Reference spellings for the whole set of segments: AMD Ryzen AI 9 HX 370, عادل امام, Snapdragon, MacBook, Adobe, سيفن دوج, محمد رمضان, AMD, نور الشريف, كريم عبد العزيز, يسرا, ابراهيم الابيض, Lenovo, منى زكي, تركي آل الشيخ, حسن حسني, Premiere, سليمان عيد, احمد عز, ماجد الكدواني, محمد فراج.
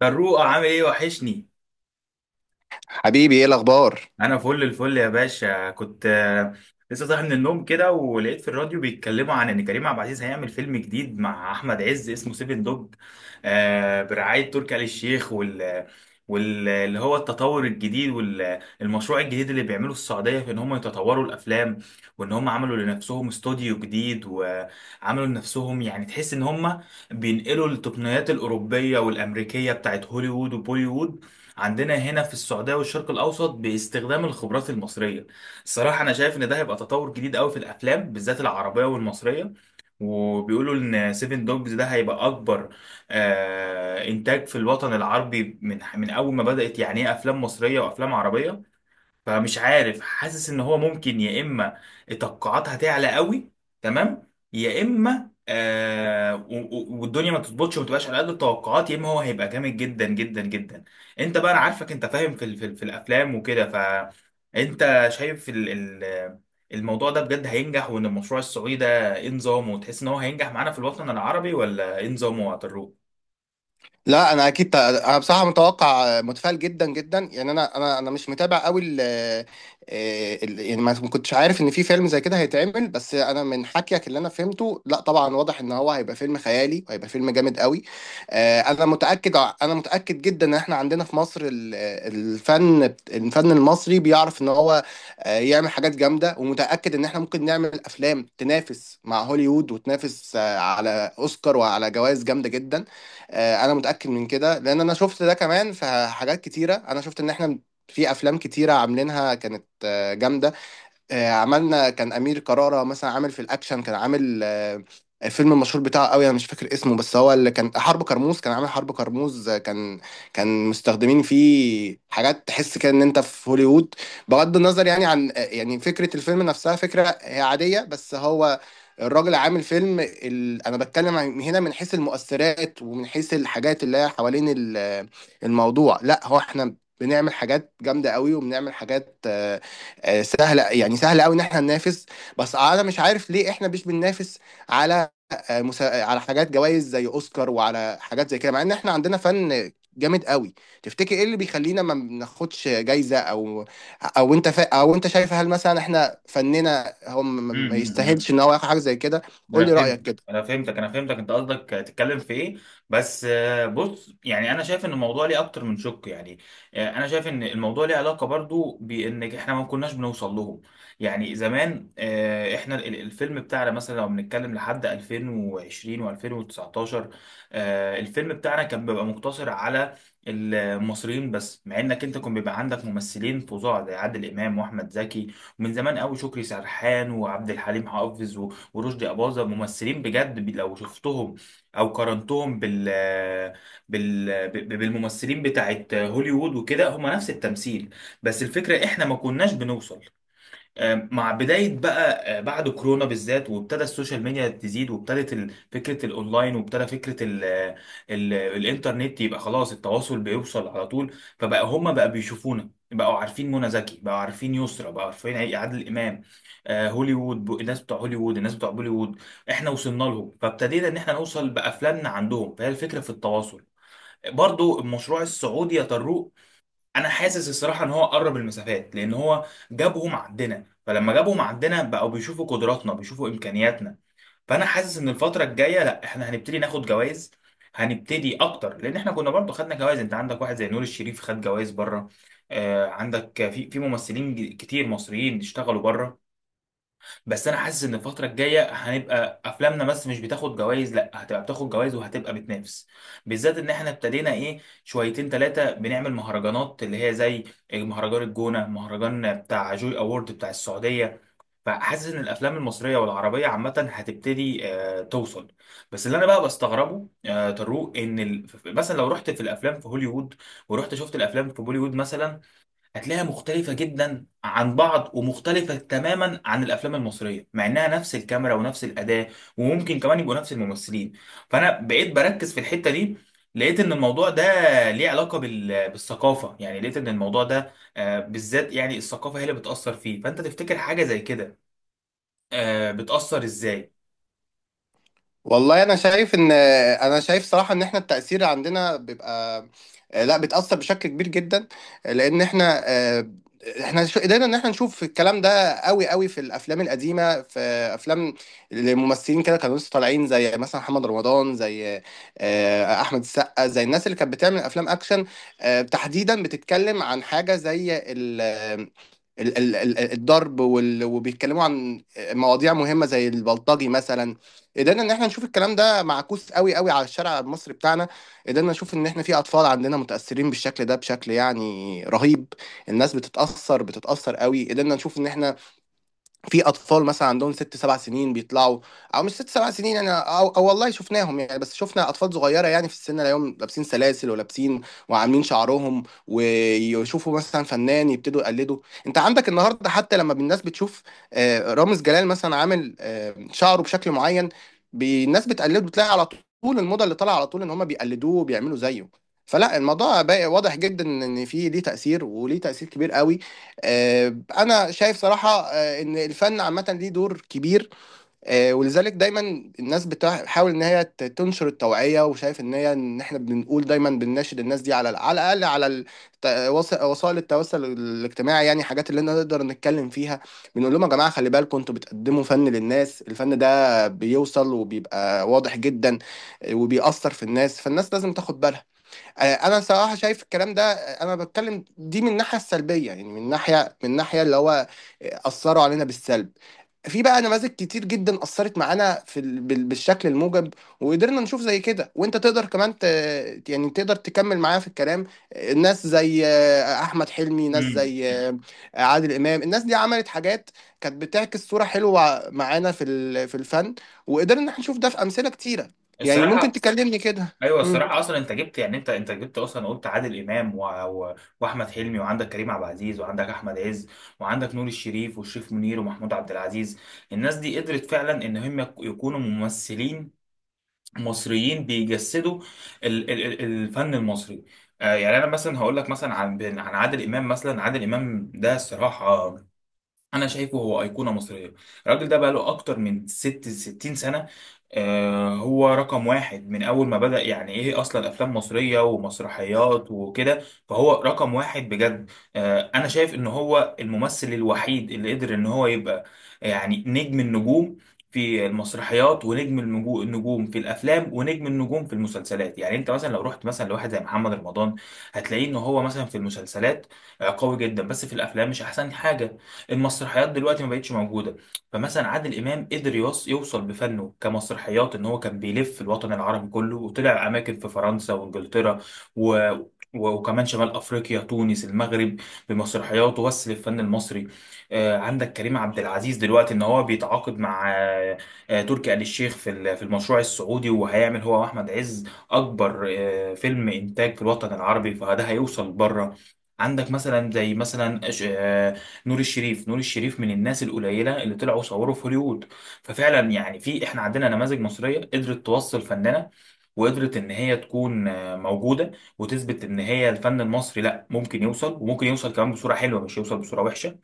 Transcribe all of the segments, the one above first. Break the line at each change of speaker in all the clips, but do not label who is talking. فاروق، عامل ايه؟ وحشني.
حبيبي، ايه الاخبار؟
انا فل الفل يا باشا. كنت لسه صاحي من النوم كده، ولقيت في الراديو بيتكلموا عن ان كريم عبد العزيز هيعمل فيلم جديد مع احمد عز اسمه سيفن دوج. برعاية تركي آل الشيخ، وال... واللي هو التطور الجديد والمشروع الجديد اللي بيعمله السعودية في ان هم يتطوروا الافلام. وان هم عملوا لنفسهم استوديو جديد، وعملوا لنفسهم، يعني تحس ان هم بينقلوا التقنيات الاوروبية والامريكية بتاعت هوليوود وبوليوود عندنا هنا في السعودية والشرق الأوسط باستخدام الخبرات المصرية. الصراحة أنا شايف إن ده هيبقى تطور جديد أوي في الأفلام، بالذات العربية والمصرية. وبيقولوا إن سيفن دوجز ده هيبقى أكبر إنتاج في الوطن العربي من أول ما بدأت يعني إيه أفلام مصرية وأفلام عربية. فمش عارف، حاسس ان هو ممكن، يا اما التوقعات هتعلى قوي تمام، يا اما والدنيا ما تظبطش وما تبقاش على قد التوقعات، يا اما هو هيبقى جامد جدا جدا جدا. انت بقى انا عارفك، انت فاهم في الافلام وكده، فانت شايف ال ال الموضوع ده بجد هينجح، وان المشروع السعودي ده ايه نظامه، وتحس ان هو هينجح معانا في الوطن العربي، ولا ايه نظامه يا طارق؟
لا، انا اكيد انا بصراحه متوقع متفائل جدا جدا. يعني انا مش متابع قوي يعني ما كنتش عارف ان في فيلم زي كده هيتعمل. بس انا من حكيك اللي انا فهمته، لا طبعا واضح ان هو هيبقى فيلم خيالي وهيبقى فيلم جامد قوي. انا متاكد، انا متاكد جدا ان احنا عندنا في مصر الفن المصري بيعرف ان هو يعمل حاجات جامده، ومتاكد ان احنا ممكن نعمل افلام تنافس مع هوليوود وتنافس على اوسكار وعلى جوائز جامده جدا. انا متاكد من كده لان انا شفت ده كمان في حاجات كتيره. انا شفت ان احنا في افلام كتيره عاملينها كانت جامده. عملنا كان امير كرارة مثلا عامل في الاكشن، كان عامل الفيلم المشهور بتاعه قوي، انا مش فاكر اسمه، بس هو اللي كان حرب كرموز. كان عامل حرب كرموز، كان مستخدمين فيه حاجات تحس كده ان انت في هوليوود. بغض النظر يعني عن يعني فكرة الفيلم نفسها، فكرة هي عادية، بس هو الراجل عامل فيلم انا بتكلم هنا من حيث المؤثرات ومن حيث الحاجات اللي هي حوالين الموضوع. لا، هو احنا بنعمل حاجات جامدة قوي، وبنعمل حاجات سهله، يعني سهله قوي ان احنا ننافس. بس انا مش عارف ليه احنا مش بننافس على على حاجات جوائز زي اوسكار وعلى حاجات زي كده، مع ان احنا عندنا فن جامد قوي. تفتكر ايه اللي بيخلينا ما بناخدش جايزه؟ او انت شايف هل مثلا احنا فننا هو ما
امم.
يستاهلش ان هو ياخد حاجه زي كده؟ قول
انا
لي
فهمت،
رايك كده.
انا فهمتك، انا فهمتك. انت قصدك تتكلم في ايه؟ بس بص، يعني انا شايف ان الموضوع ليه اكتر من شق. يعني انا شايف ان الموضوع ليه علاقه برضو بان احنا ما كناش بنوصل لهم. يعني زمان احنا الفيلم بتاعنا مثلا لو بنتكلم لحد 2020 و2019، الفيلم بتاعنا كان بيبقى مقتصر على المصريين بس، مع انك انت كان بيبقى عندك ممثلين فظاع زي عادل امام واحمد زكي. ومن زمان قوي شكري سرحان وعبد الحليم حافظ ورشدي أباظة، ممثلين بجد، لو شفتهم أو قارنتهم بالممثلين بتاعت هوليوود وكده، هم نفس التمثيل. بس الفكرة إحنا ما كناش بنوصل. مع بداية بقى، بعد كورونا بالذات، وابتدى السوشيال ميديا تزيد، وابتدت فكرة الأونلاين، وابتدى فكرة ال ال الإنترنت، يبقى خلاص التواصل بيوصل على طول. فبقى هما بقى بيشوفونا، بقوا عارفين منى زكي، بقوا عارفين يسرا، بقوا عارفين عادل إمام. هوليوود، الناس بتوع هوليوود، الناس بتوع بوليوود، احنا وصلنا لهم، فابتدينا إن احنا نوصل بأفلامنا عندهم. فهي الفكرة في التواصل. برضو المشروع السعودي يا طارق، انا حاسس الصراحه ان هو قرب المسافات، لان هو جابهم عندنا. فلما جابهم عندنا بقوا بيشوفوا قدراتنا، بيشوفوا امكانياتنا. فانا حاسس ان الفتره الجايه، لا احنا هنبتدي ناخد جوائز. هنبتدي اكتر، لان احنا كنا برضو خدنا جوائز. انت عندك واحد زي نور الشريف خد جوائز بره. عندك في ممثلين كتير مصريين اشتغلوا بره. بس انا حاسس ان الفتره الجايه هنبقى افلامنا بس مش بتاخد جوائز، لا هتبقى بتاخد جوائز وهتبقى بتنافس، بالذات ان احنا ابتدينا ايه شويتين ثلاثه بنعمل مهرجانات، اللي هي زي مهرجان الجونه، مهرجان بتاع جوي اوورد بتاع السعوديه. فحاسس ان الافلام المصريه والعربيه عامه هتبتدي توصل. بس اللي انا بقى بستغربه طارق، ان مثلا لو رحت في الافلام في هوليوود، ورحت شفت الافلام في بوليوود مثلا، هتلاقيها مختلفة جدا عن بعض، ومختلفة تماما عن الأفلام المصرية، مع إنها نفس الكاميرا ونفس الأداة، وممكن كمان يبقوا نفس الممثلين. فأنا بقيت بركز في الحتة دي، لقيت إن الموضوع ده ليه علاقة بالثقافة. يعني لقيت إن الموضوع ده بالذات، يعني الثقافة هي اللي بتأثر فيه. فأنت تفتكر حاجة زي كده بتأثر إزاي؟
والله، انا شايف صراحه ان احنا التاثير عندنا بيبقى، لا، بتاثر بشكل كبير جدا. لان احنا قدرنا ان احنا نشوف الكلام ده قوي قوي في الافلام القديمه، في افلام الممثلين كده كانوا لسه طالعين، زي مثلا محمد رمضان، زي احمد السقا، زي الناس اللي كانت بتعمل افلام اكشن. تحديدا بتتكلم عن حاجه زي الضرب، وبيتكلموا عن مواضيع مهمة زي البلطجي مثلا. قدرنا ان احنا نشوف الكلام ده معكوس قوي قوي على الشارع المصري بتاعنا. قدرنا نشوف ان احنا في اطفال عندنا متاثرين بالشكل ده بشكل يعني رهيب. الناس بتتاثر قوي. قدرنا نشوف ان احنا في اطفال مثلا عندهم ست سبع سنين بيطلعوا، او مش ست سبع سنين يعني، أو والله شفناهم، يعني بس شفنا اطفال صغيره يعني في السن اليوم، لابسين سلاسل ولابسين وعاملين شعرهم، ويشوفوا مثلا فنان يبتدوا يقلدوا. انت عندك النهارده حتى لما الناس بتشوف رامز جلال مثلا عامل شعره بشكل معين، الناس بتقلده. بتلاقي على طول الموضه اللي طالعه على طول ان هم بيقلدوه وبيعملوا زيه. فلا، الموضوع بقى واضح جدا ان في ليه تاثير، وليه تاثير كبير قوي. انا شايف صراحه ان الفن عامه ليه دور كبير. ولذلك دايما الناس بتحاول ان هي تنشر التوعيه، وشايف ان هي ان احنا بنقول دايما، بنناشد الناس دي على على الاقل على وسائل التواصل الاجتماعي، يعني حاجات اللي احنا نقدر نتكلم فيها. بنقول لهم يا جماعه، خلي بالكم انتوا بتقدموا فن للناس، الفن ده بيوصل وبيبقى واضح جدا، وبيأثر في الناس، فالناس لازم تاخد بالها. انا صراحه شايف الكلام ده، انا بتكلم دي من الناحيه السلبيه، يعني من ناحيه اللي هو اثروا علينا بالسلب. في بقى نماذج كتير جدا اثرت معانا في بالشكل الموجب، وقدرنا نشوف زي كده، وانت تقدر كمان يعني تقدر تكمل معايا في الكلام. ناس زي احمد حلمي، ناس
مم.
زي عادل امام، الناس دي عملت حاجات كانت بتعكس صوره حلوه معانا في في الفن، وقدرنا ان احنا نشوف ده في امثله كتيره. يعني ممكن
الصراحة،
تكلمني كده.
ايوه الصراحه اصلا انت جبت، يعني انت جبت اصلا، قلت عادل امام واحمد حلمي، وعندك كريم عبد العزيز، وعندك احمد عز، وعندك نور الشريف، والشريف منير، ومحمود عبد العزيز. الناس دي قدرت فعلا ان هم يكونوا ممثلين مصريين بيجسدوا الفن المصري. يعني انا مثلا هقول لك مثلا عن عادل امام. مثلا عادل امام ده، الصراحه انا شايفه هو ايقونه مصريه. الراجل ده بقاله اكتر من ستين سنه. هو رقم واحد من اول ما بدأ يعني ايه اصلا افلام مصريه ومسرحيات وكده. فهو رقم واحد بجد. انا شايف ان هو الممثل الوحيد اللي قدر ان هو يبقى يعني نجم النجوم في المسرحيات، ونجم النجوم في الافلام، ونجم النجوم في المسلسلات. يعني انت مثلا لو رحت مثلا لواحد زي محمد رمضان، هتلاقيه ان هو مثلا في المسلسلات قوي جدا، بس في الافلام مش احسن حاجه. المسرحيات دلوقتي ما بقتش موجوده. فمثلا عادل امام قدر يوصل بفنه كمسرحيات ان هو كان بيلف الوطن العربي كله، وطلع اماكن في فرنسا وانجلترا و... و- وكمان شمال افريقيا، تونس، المغرب. بمسرحياته وصل الفن المصري. عندك كريم عبد العزيز دلوقتي ان هو بيتعاقد مع تركي آل الشيخ في في المشروع السعودي، وهيعمل هو واحمد عز اكبر فيلم انتاج في الوطن العربي، فده هيوصل بره. عندك مثلا زي مثلا نور الشريف من الناس القليله اللي طلعوا صوروا في هوليوود. ففعلا يعني في، احنا عندنا نماذج مصريه قدرت توصل فنانه، وقدرت ان هي تكون موجوده، وتثبت ان هي الفن المصري لا ممكن يوصل، وممكن يوصل كمان بصوره حلوه مش يوصل بصوره وحشه.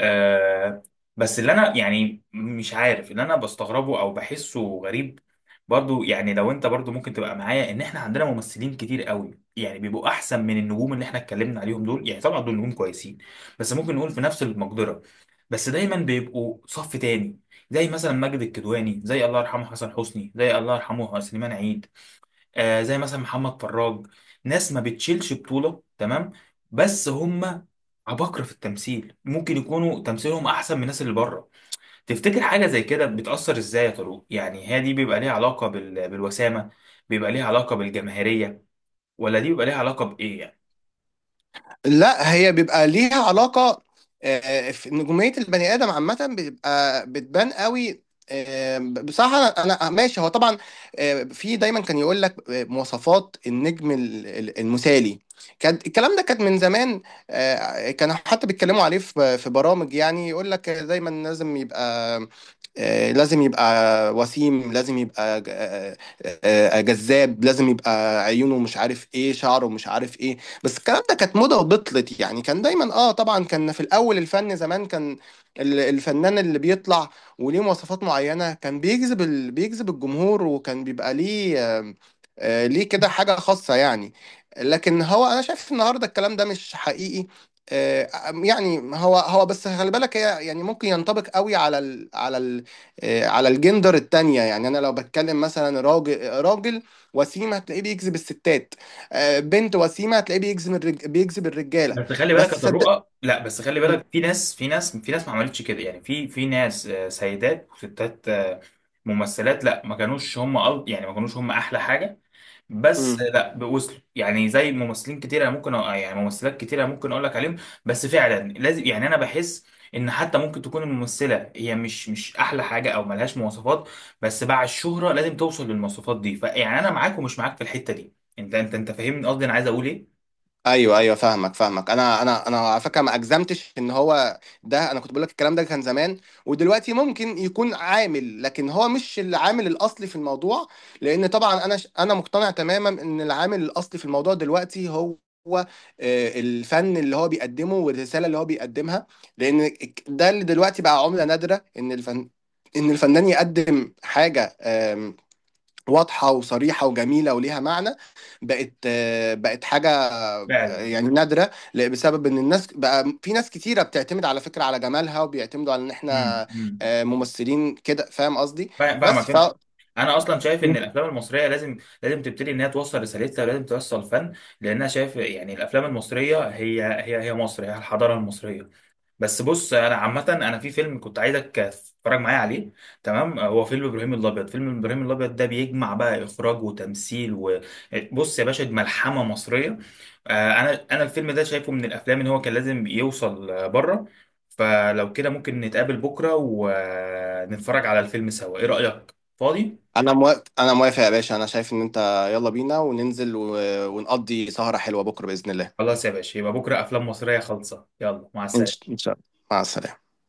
آه. بس اللي انا يعني مش عارف، اللي انا بستغربه او بحسه غريب، برضو يعني لو انت برضو ممكن تبقى معايا، ان احنا عندنا ممثلين كتير قوي يعني بيبقوا احسن من النجوم اللي احنا اتكلمنا عليهم دول. يعني طبعا دول نجوم كويسين، بس ممكن نقول في نفس المقدرة، بس دايما بيبقوا صف تاني، زي مثلا ماجد الكدواني، زي الله يرحمه حسن حسني، زي الله يرحمه سليمان عيد، زي مثلا محمد فراج. ناس ما بتشيلش بطولة، تمام، بس هم عباقرة في التمثيل، ممكن يكونوا تمثيلهم أحسن من الناس اللي بره. تفتكر حاجة زي كده بتأثر إزاي يا طارق؟ يعني هي دي بيبقى ليها علاقة بالوسامة، بيبقى ليها علاقة بالجماهيرية، ولا دي بيبقى ليها علاقة بإيه يعني؟
لا، هي بيبقى ليها علاقة. آه، في نجومية البني آدم عامة بتبقى بتبان قوي. بصراحة ماشي هو طبعا. في دايما كان يقول لك مواصفات النجم المثالي. كان الكلام ده كان من زمان. كانوا حتى بيتكلموا عليه في برامج، يعني يقول لك دايما لازم يبقى لازم يبقى وسيم، لازم يبقى جذاب، لازم يبقى عيونه مش عارف ايه، شعره مش عارف ايه. بس الكلام ده كانت موضة وبطلت. يعني كان دايما، اه طبعا، كان في الاول الفن زمان كان الفنان اللي بيطلع وليه مواصفات معينة كان بيجذب الجمهور، وكان بيبقى ليه ليه كده حاجة خاصة يعني. لكن هو انا شايف النهاردة الكلام ده مش حقيقي. آه، يعني هو بس خلي بالك، هي يعني ممكن ينطبق قوي على ال على ال آه، على الجندر التانية. يعني انا لو بتكلم مثلا راجل راجل وسيم، هتلاقيه بيجذب الستات. بنت وسيمه هتلاقيه بيجذب الرجاله.
بس خلي بالك
بس
يا
صدق.
طارق، لا بس خلي
مم.
بالك، في ناس ما عملتش كده، يعني في ناس سيدات وستات، ممثلات، لا ما كانوش هم يعني ما كانوش هم أحلى حاجة، بس
مم.
لا بوصلوا، يعني زي ممثلين كتير أنا ممكن يعني ممثلات كتير أنا ممكن اقول لك عليهم. بس فعلا لازم، يعني انا بحس ان حتى ممكن تكون الممثله هي مش احلى حاجه او ملهاش مواصفات، بس بعد الشهره لازم توصل للمواصفات دي. فيعني انا معاك ومش معاك في الحته دي. انت فاهمني قصدي انا عايز اقول ايه.
ايوه، ايوه، فاهمك، فاهمك. انا على فكره، ما اجزمتش ان هو ده. انا كنت بقول لك الكلام ده كان زمان، ودلوقتي ممكن يكون عامل، لكن هو مش العامل الاصلي في الموضوع. لان طبعا انا مقتنع تماما ان العامل الاصلي في الموضوع دلوقتي هو الفن اللي هو بيقدمه، والرساله اللي هو بيقدمها. لان ده اللي دلوقتي بقى عمله نادره، ان الفنان يقدم حاجه واضحة وصريحة وجميلة وليها معنى، بقت حاجة
فعلا.
يعني نادرة، بسبب ان الناس بقى، في ناس كتيرة بتعتمد على فكرة، على جمالها، وبيعتمدوا على ان
امم،
احنا
امم.
ممثلين كده، فاهم قصدي؟ بس
فاهمك
ف
انت. انا اصلا شايف ان الافلام المصريه لازم تبتدي ان هي توصل رسالتها، ولازم توصل فن. لان انا شايف، يعني الافلام المصريه هي مصر، هي الحضاره المصريه. بس بص، انا عامه انا في فيلم كنت عايزك تتفرج معايا عليه، تمام، هو فيلم ابراهيم الابيض. فيلم ابراهيم الابيض ده بيجمع بقى اخراج وتمثيل، وبص يا باشا دي ملحمه مصريه. انا الفيلم ده شايفه من الافلام ان هو كان لازم يوصل بره. فلو كده ممكن نتقابل بكره ونتفرج على الفيلم سوا، ايه رايك؟ فاضي؟
انا موافق، انا موافق يا باشا. انا شايف ان انت، يلا بينا وننزل ونقضي سهرة حلوة بكرة بإذن الله.
خلاص يا باشا، يبقى بكره افلام مصريه خالصه، يلا، مع السلامه.
إن شاء الله. مع السلامة.